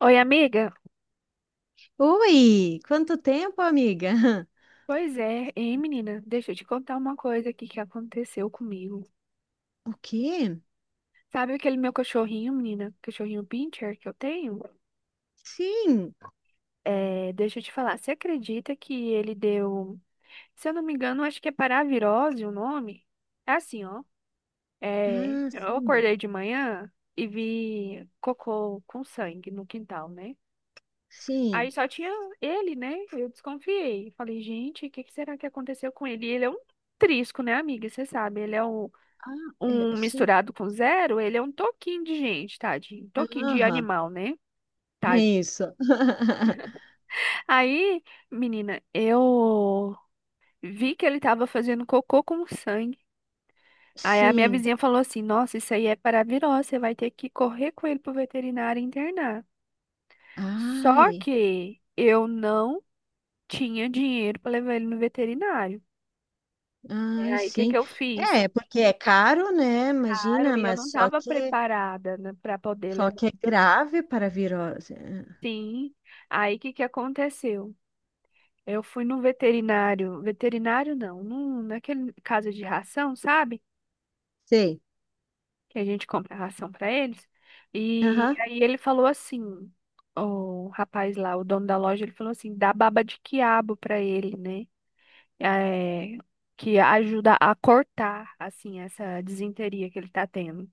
Oi, amiga. Oi, quanto tempo, amiga? Pois é, hein, menina? Deixa eu te contar uma coisa aqui que aconteceu comigo. O quê? Sabe aquele meu cachorrinho, menina? Cachorrinho Pinscher que eu tenho? Sim. É, deixa eu te falar. Você acredita que ele deu. Se eu não me engano, acho que é paravirose o nome? É assim, ó. É, Ah, eu sim. acordei de manhã e vi cocô com sangue no quintal, né? Aí Sim. só tinha ele, né? Eu desconfiei. Falei, gente, o que que será que aconteceu com ele? E ele é um trisco, né, amiga? Você sabe, ele é um Ah, é, um sim. misturado com zero, ele é um toquinho de gente, tadinho. Toquinho de Aham, animal, né? é Tadinho. isso. Aí, menina, eu vi que ele tava fazendo cocô com sangue. Aí a minha Sim. vizinha falou assim: Nossa, isso aí é para virose, você vai ter que correr com ele pro veterinário e internar. Só Ai, que eu não tinha dinheiro para levar ele no veterinário. É. ai, Aí o que que sim. eu fiz? É, porque é caro, né? Caro, Imagina, e eu não mas só tava que preparada, né, para poder só levar. que é grave para a virose. Sim. Aí o que que aconteceu? Eu fui no veterinário. Veterinário não, num, naquele caso de ração, sabe? Sei. Que a gente compra ração para eles. E Aham. aí ele falou assim, o rapaz lá, o dono da loja, ele falou assim, dá baba de quiabo para ele, né? É, que ajuda a cortar, assim, essa disenteria que ele tá tendo.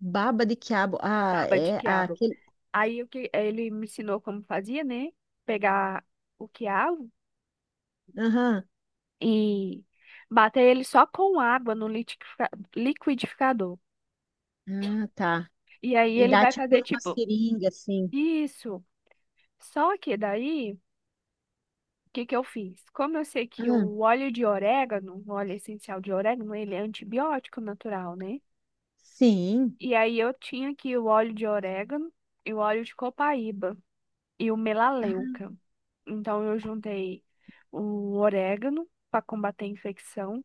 Baba de quiabo. Ah, Baba de é quiabo. aquele. Aí o que ele me ensinou como fazia, né? Pegar o quiabo Aham. e bater ele só com água no liquidificador. Ah, tá. E aí E ele dá vai tipo fazer uma tipo seringa, assim. isso. Só que daí, o que que eu fiz? Como eu sei que Ah, o óleo de orégano, o óleo essencial de orégano, ele é antibiótico natural, né? sim. E aí eu tinha aqui o óleo de orégano e o óleo de copaíba e o Ah, melaleuca. Então eu juntei o orégano para combater a infecção,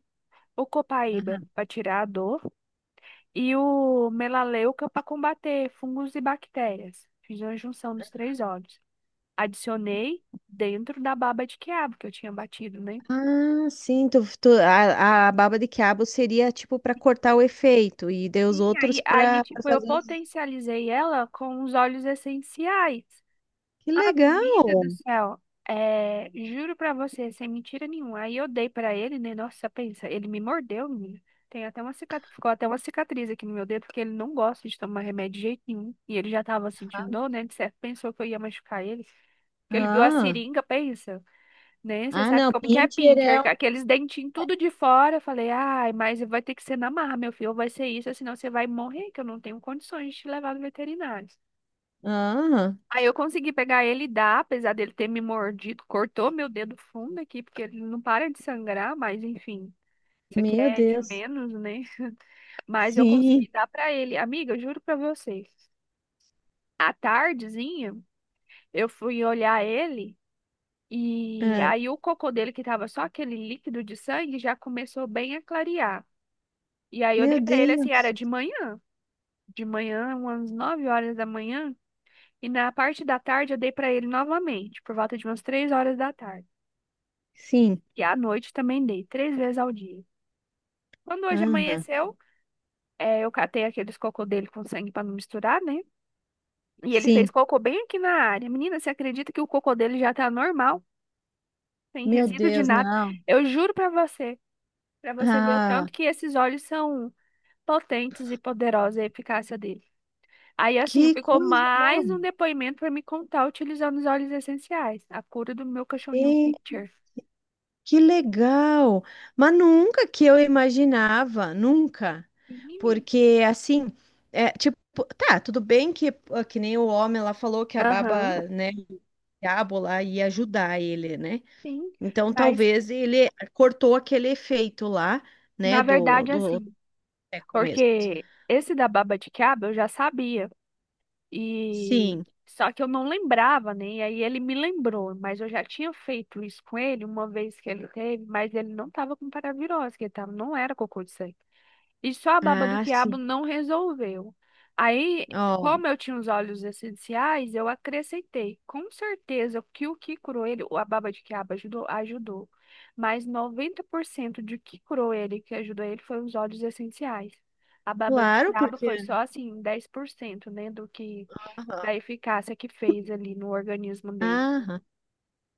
o copaíba aham. para tirar a dor e o melaleuca para combater fungos e bactérias. Fiz a junção dos três óleos. Adicionei dentro da baba de quiabo que eu tinha batido, né? Ah, sim, a baba de quiabo seria tipo para cortar o efeito e deu os Sim, aí, outros aí, para tipo, eu fazer. Os... potencializei ela com os óleos essenciais. Que legal! Amiga do céu, é, juro pra você, sem mentira nenhuma. Aí eu dei pra ele, né? Nossa, pensa, ele me mordeu, menina. Tem até uma cicatriz, ficou até uma cicatriz aqui no meu dedo, porque ele não gosta de tomar remédio de jeito nenhum. E ele já tava sentindo dor, né? De certo, pensou que eu ia machucar ele. Que ele viu a Ah, seringa, pensa, né? Você ah, sabe não, como que é Pinter pincher, é. Um... com aqueles dentinhos tudo de fora. Eu falei, ai, mas vai ter que ser na marra, meu filho, ou vai ser isso, ou senão você vai morrer, que eu não tenho condições de te levar no veterinário. Ah, Aí eu consegui pegar ele e dar, apesar dele ter me mordido, cortou meu dedo fundo aqui, porque ele não para de sangrar, mas enfim, isso aqui meu é de Deus. menos, né? Mas eu Sim. consegui dar pra ele. Amiga, eu juro pra vocês. À tardezinha, eu fui olhar ele. E Ah, aí o cocô dele, que tava só aquele líquido de sangue, já começou bem a clarear. E aí eu meu dei pra ele assim, era Deus. De manhã, umas 9h da manhã, e na parte da tarde eu dei pra ele novamente, por volta de umas 3h da tarde. Sim. E à noite também dei, 3 vezes ao dia. Quando hoje Ah, amanheceu, eu catei aqueles cocô dele com sangue pra não misturar, né? E ele fez sim. cocô bem aqui na área. Menina, você acredita que o cocô dele já tá normal, sem Meu resíduo de Deus, nada? não. Eu juro pra você. Pra você ver o Ah, tanto que esses óleos são potentes e poderosos, a eficácia deles. Aí, assim, que ficou coisa boa. mais um depoimento pra me contar utilizando os óleos essenciais. A cura do meu cachorrinho Picture. Que legal! Mas nunca que eu imaginava, nunca. Sim, menina. Porque assim, é tipo, tá, tudo bem que ah, que nem o homem lá falou que a Aham, baba, né, o diabo lá ia ajudar ele, né? sim. Então Mas, talvez ele cortou aquele efeito lá, né, na do verdade, do assim, é, começo. porque esse da baba de quiabo eu já sabia. E Sim. só que eu não lembrava, né? E aí ele me lembrou, mas eu já tinha feito isso com ele uma vez que ele teve, mas ele não tava com paravirose, que ele tava, não era cocô de sangue. E só a baba do Ah, quiabo sim. não resolveu. Aí, Ó, como eu tinha os óleos essenciais, eu acrescentei. Com certeza que o que curou ele, ou a baba de quiabo ajudou, ajudou. Mas 90% de que curou ele, que ajudou ele, foi os óleos essenciais. A baba de claro, quiabo porque foi só assim, 10%, né, do que aham. da eficácia que fez ali no organismo dele. Aham.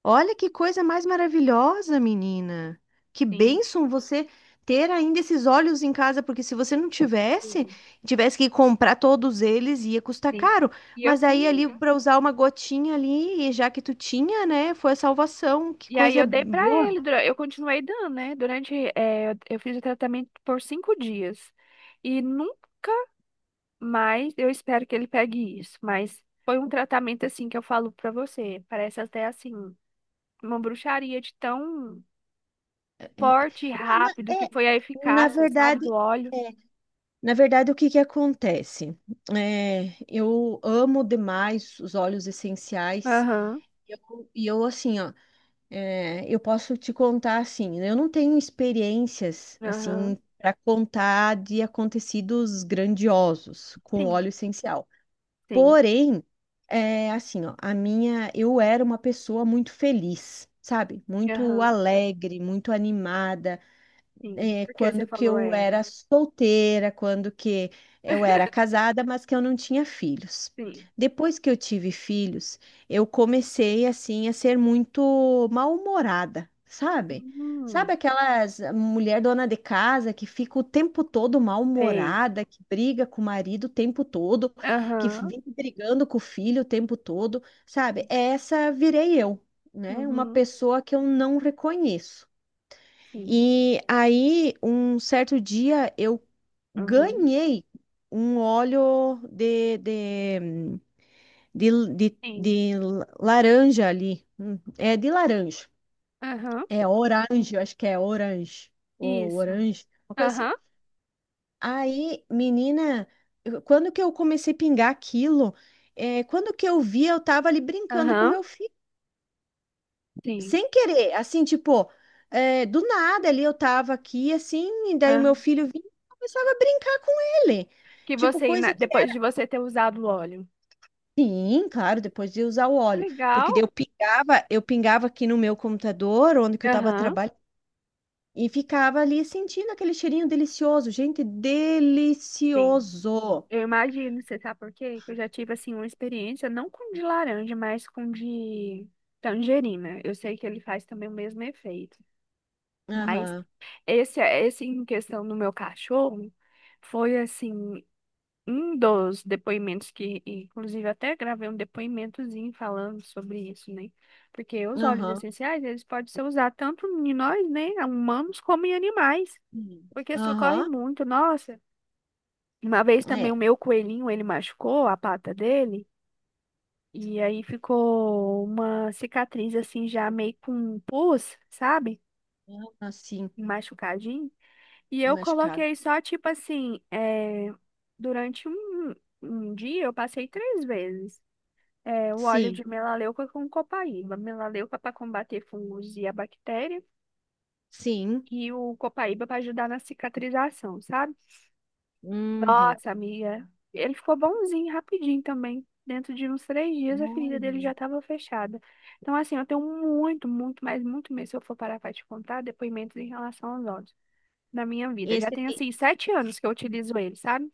Olha que coisa mais maravilhosa, menina. Que Sim, bênção você ter ainda esses olhos em casa, porque se você não tivesse, sim, tivesse que comprar todos eles, ia custar sim. caro. E eu Mas aí ali tenho. para usar uma gotinha ali, e já que tu tinha, né, foi a salvação. Que E aí coisa eu dei pra boa. ele, eu continuei dando, né? Durante, eu fiz o tratamento por 5 dias. E nunca mais eu espero que ele pegue isso. Mas foi um tratamento assim que eu falo pra você. Parece até assim, uma bruxaria de tão É, forte e não, na- rápido que é, foi a na eficácia, sabe, verdade, do óleo. na verdade, o que que acontece? É, eu amo demais os óleos essenciais. Aham, E eu, assim, ó, é, eu posso te contar assim, né, eu não tenho experiências assim aham. para contar de acontecidos grandiosos com Sim, óleo essencial. sim. Porém, é assim, ó, a minha, eu era uma pessoa muito feliz, sabe? Muito Aham, alegre, muito animada, sim. é, Porque você quando que falou eu era. era solteira, quando que eu era casada, mas que eu não tinha filhos. Sim. Depois que eu tive filhos, eu comecei assim a ser muito mal-humorada, sabe? Hum, Sabe aquelas mulher dona de casa que fica o tempo todo sei. mal-humorada, que briga com o marido o tempo todo, que Aham, vive brigando com o filho o tempo todo, sabe? Essa virei eu, né? Uma uhum, pessoa que eu não reconheço. sim. E aí, um certo dia, eu Uhum. ganhei um óleo de, de, Sim. de laranja ali. É de laranja. Aham. É orange, eu acho que é orange. Ou Isso. orange, uma coisa assim. Aham. Aí, menina, eu- quando que eu comecei a pingar aquilo? É, quando que eu vi, eu tava ali brincando com Aham. meu filho. Sim. Sem querer, assim, tipo, é, do nada ali eu tava aqui, assim, e daí o meu Aham. filho vinha e começava a brincar com ele. Que Tipo, você, ina- coisa que depois é de você ter usado o óleo. sim, claro, depois de usar o óleo. Legal. Porque daí eu pingava aqui no meu computador, onde que eu tava Aham. trabalhando, e ficava ali sentindo aquele cheirinho delicioso. Gente, Sim. delicioso. Eu imagino, você sabe por quê? Que eu já tive, assim, uma experiência, não com de laranja, mas com de tangerina. Eu sei que ele faz também o mesmo efeito. Mas Aham, esse em questão do meu cachorro, foi assim. Um dos depoimentos que, inclusive, até gravei um depoimentozinho falando sobre isso, né? Porque os óleos aham, essenciais, eles podem ser usados tanto em nós, né, humanos, como em animais, hum, porque socorre aham, muito. Nossa, uma vez também o é, meu coelhinho, ele machucou a pata dele, e aí ficou uma cicatriz, assim, já meio com um pus, sabe? aham, assim, Machucadinho. E eu machucado. coloquei só, tipo assim, é, durante um dia, eu passei 3 vezes. É, o óleo Sim, de melaleuca com copaíba. Melaleuca para combater fungos e a bactéria. sim, E o copaíba para ajudar na cicatrização, sabe? uhum. Nossa, amiga. Ele ficou bonzinho, rapidinho também. Dentro de uns 3 dias, a ferida dele já Olha. estava fechada. Então, assim, eu tenho muito, muito, mas muito mesmo, se eu for parar para te contar, depoimentos em relação aos óleos na minha vida. Eu já Esse tenho, de... assim, 7 anos que eu utilizo ele, sabe?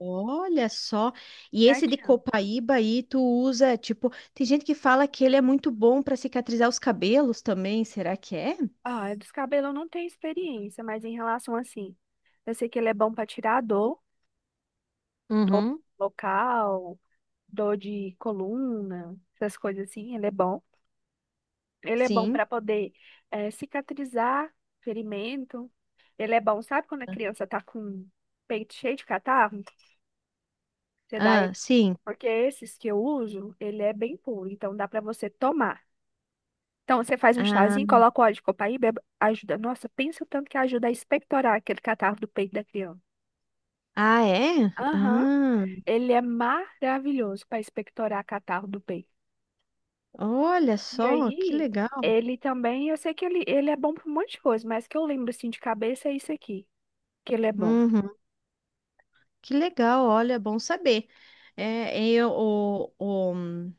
Olha só, e esse Sete de anos. Copaíba aí tu usa, tipo, tem gente que fala que ele é muito bom para cicatrizar os cabelos também, será que é? Ah, dos cabelos eu não tenho experiência, mas em relação, assim, eu sei que ele é bom para tirar a dor. Dor Uhum. local, dor de coluna, essas coisas assim, ele é bom. Ele é bom Sim. para poder cicatrizar ferimento. Ele é bom, sabe quando a criança tá com o peito cheio de catarro? Você dá Ah, ele, sim. porque esses que eu uso, ele é bem puro, então dá para você tomar. Então você faz um Ah, chazinho, coloca o óleo de copaíba, ajuda. Nossa, pensa o tanto que ajuda a expectorar aquele catarro do peito da criança. ah, é? Aham, Ah, ele é maravilhoso para expectorar catarro do peito. olha E só, que aí, legal. ele também, eu sei que ele é bom pra um monte de coisa, mas que eu lembro assim de cabeça é isso aqui, que ele é bom. Uhum, que legal, olha, é bom saber. É, eu, o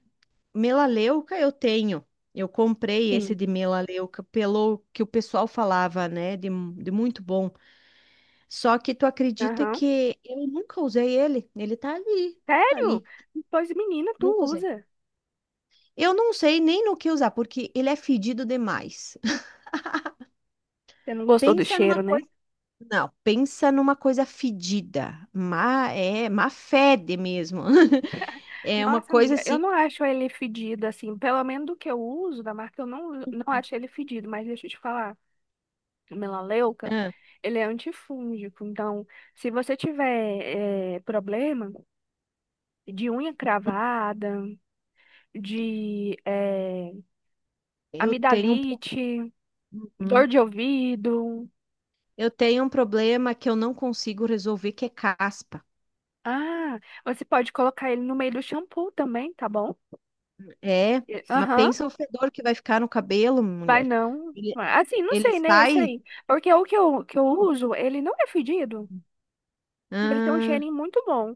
melaleuca eu tenho. Eu comprei esse Sim. de melaleuca pelo que o pessoal falava, né? De muito bom. Só que tu acredita Aham. que eu nunca usei ele? Ele tá ali, tá Sério? ali. Pois menina, tu Nunca usei. usa. Eu não sei nem no que usar, porque ele é fedido demais. Você não gostou do Pensa numa cheiro, né? coisa. Não, pensa numa coisa fedida. Má, é, má fede mesmo. É uma Nossa, coisa amiga, eu assim. não acho ele fedido assim, pelo menos do que eu uso da marca, eu não, não acho ele fedido, mas deixa eu te falar, o melaleuca, Ah, ele é antifúngico, então se você tiver problema de unha cravada, de eu tenho um, pro- amidalite, dor Uhum. de ouvido. Eu tenho um problema que eu não consigo resolver, que é caspa. Ah, você pode colocar ele no meio do shampoo também, tá bom? É, E- mas Aham, pensa o fedor que vai ficar no cabelo, vai mulher. não. Ele, Assim, não ele sei, né? Esse sai. aí. Porque o que eu uso, ele não é fedido. Ele tem um Ah, cheirinho muito bom.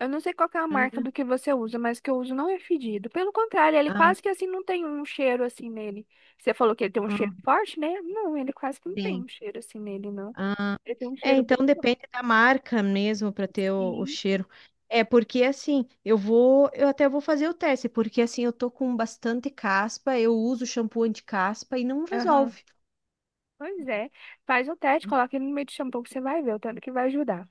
Eu não sei qual que é a marca é. do que você usa, mas que eu uso não é fedido. Pelo contrário, ele Ah, quase que assim não tem um cheiro assim nele. Você falou que ele tem um ah, cheiro forte, né? Não, ele quase que não tem sim. um cheiro assim nele, não. Ele tem um É, cheiro bem então forte. depende da marca mesmo para ter o Sim. cheiro. É porque assim, eu vou, eu até vou fazer o teste, porque assim, eu tô com bastante caspa, eu uso shampoo anti-caspa e não resolve. Pois é. Faz o teste, coloca ele no meio do shampoo que você vai ver o tanto que vai ajudar.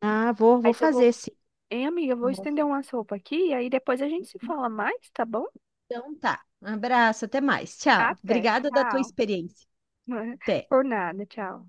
Ah, vou, vou Aí eu vou. fazer sim. Hein, amiga, eu vou Vou. estender uma sopa aqui e aí depois a gente se fala mais, tá bom? Então tá. Um abraço, até mais. Tchau. Até. Obrigada da tua Tchau. experiência. Até. Por nada, tchau.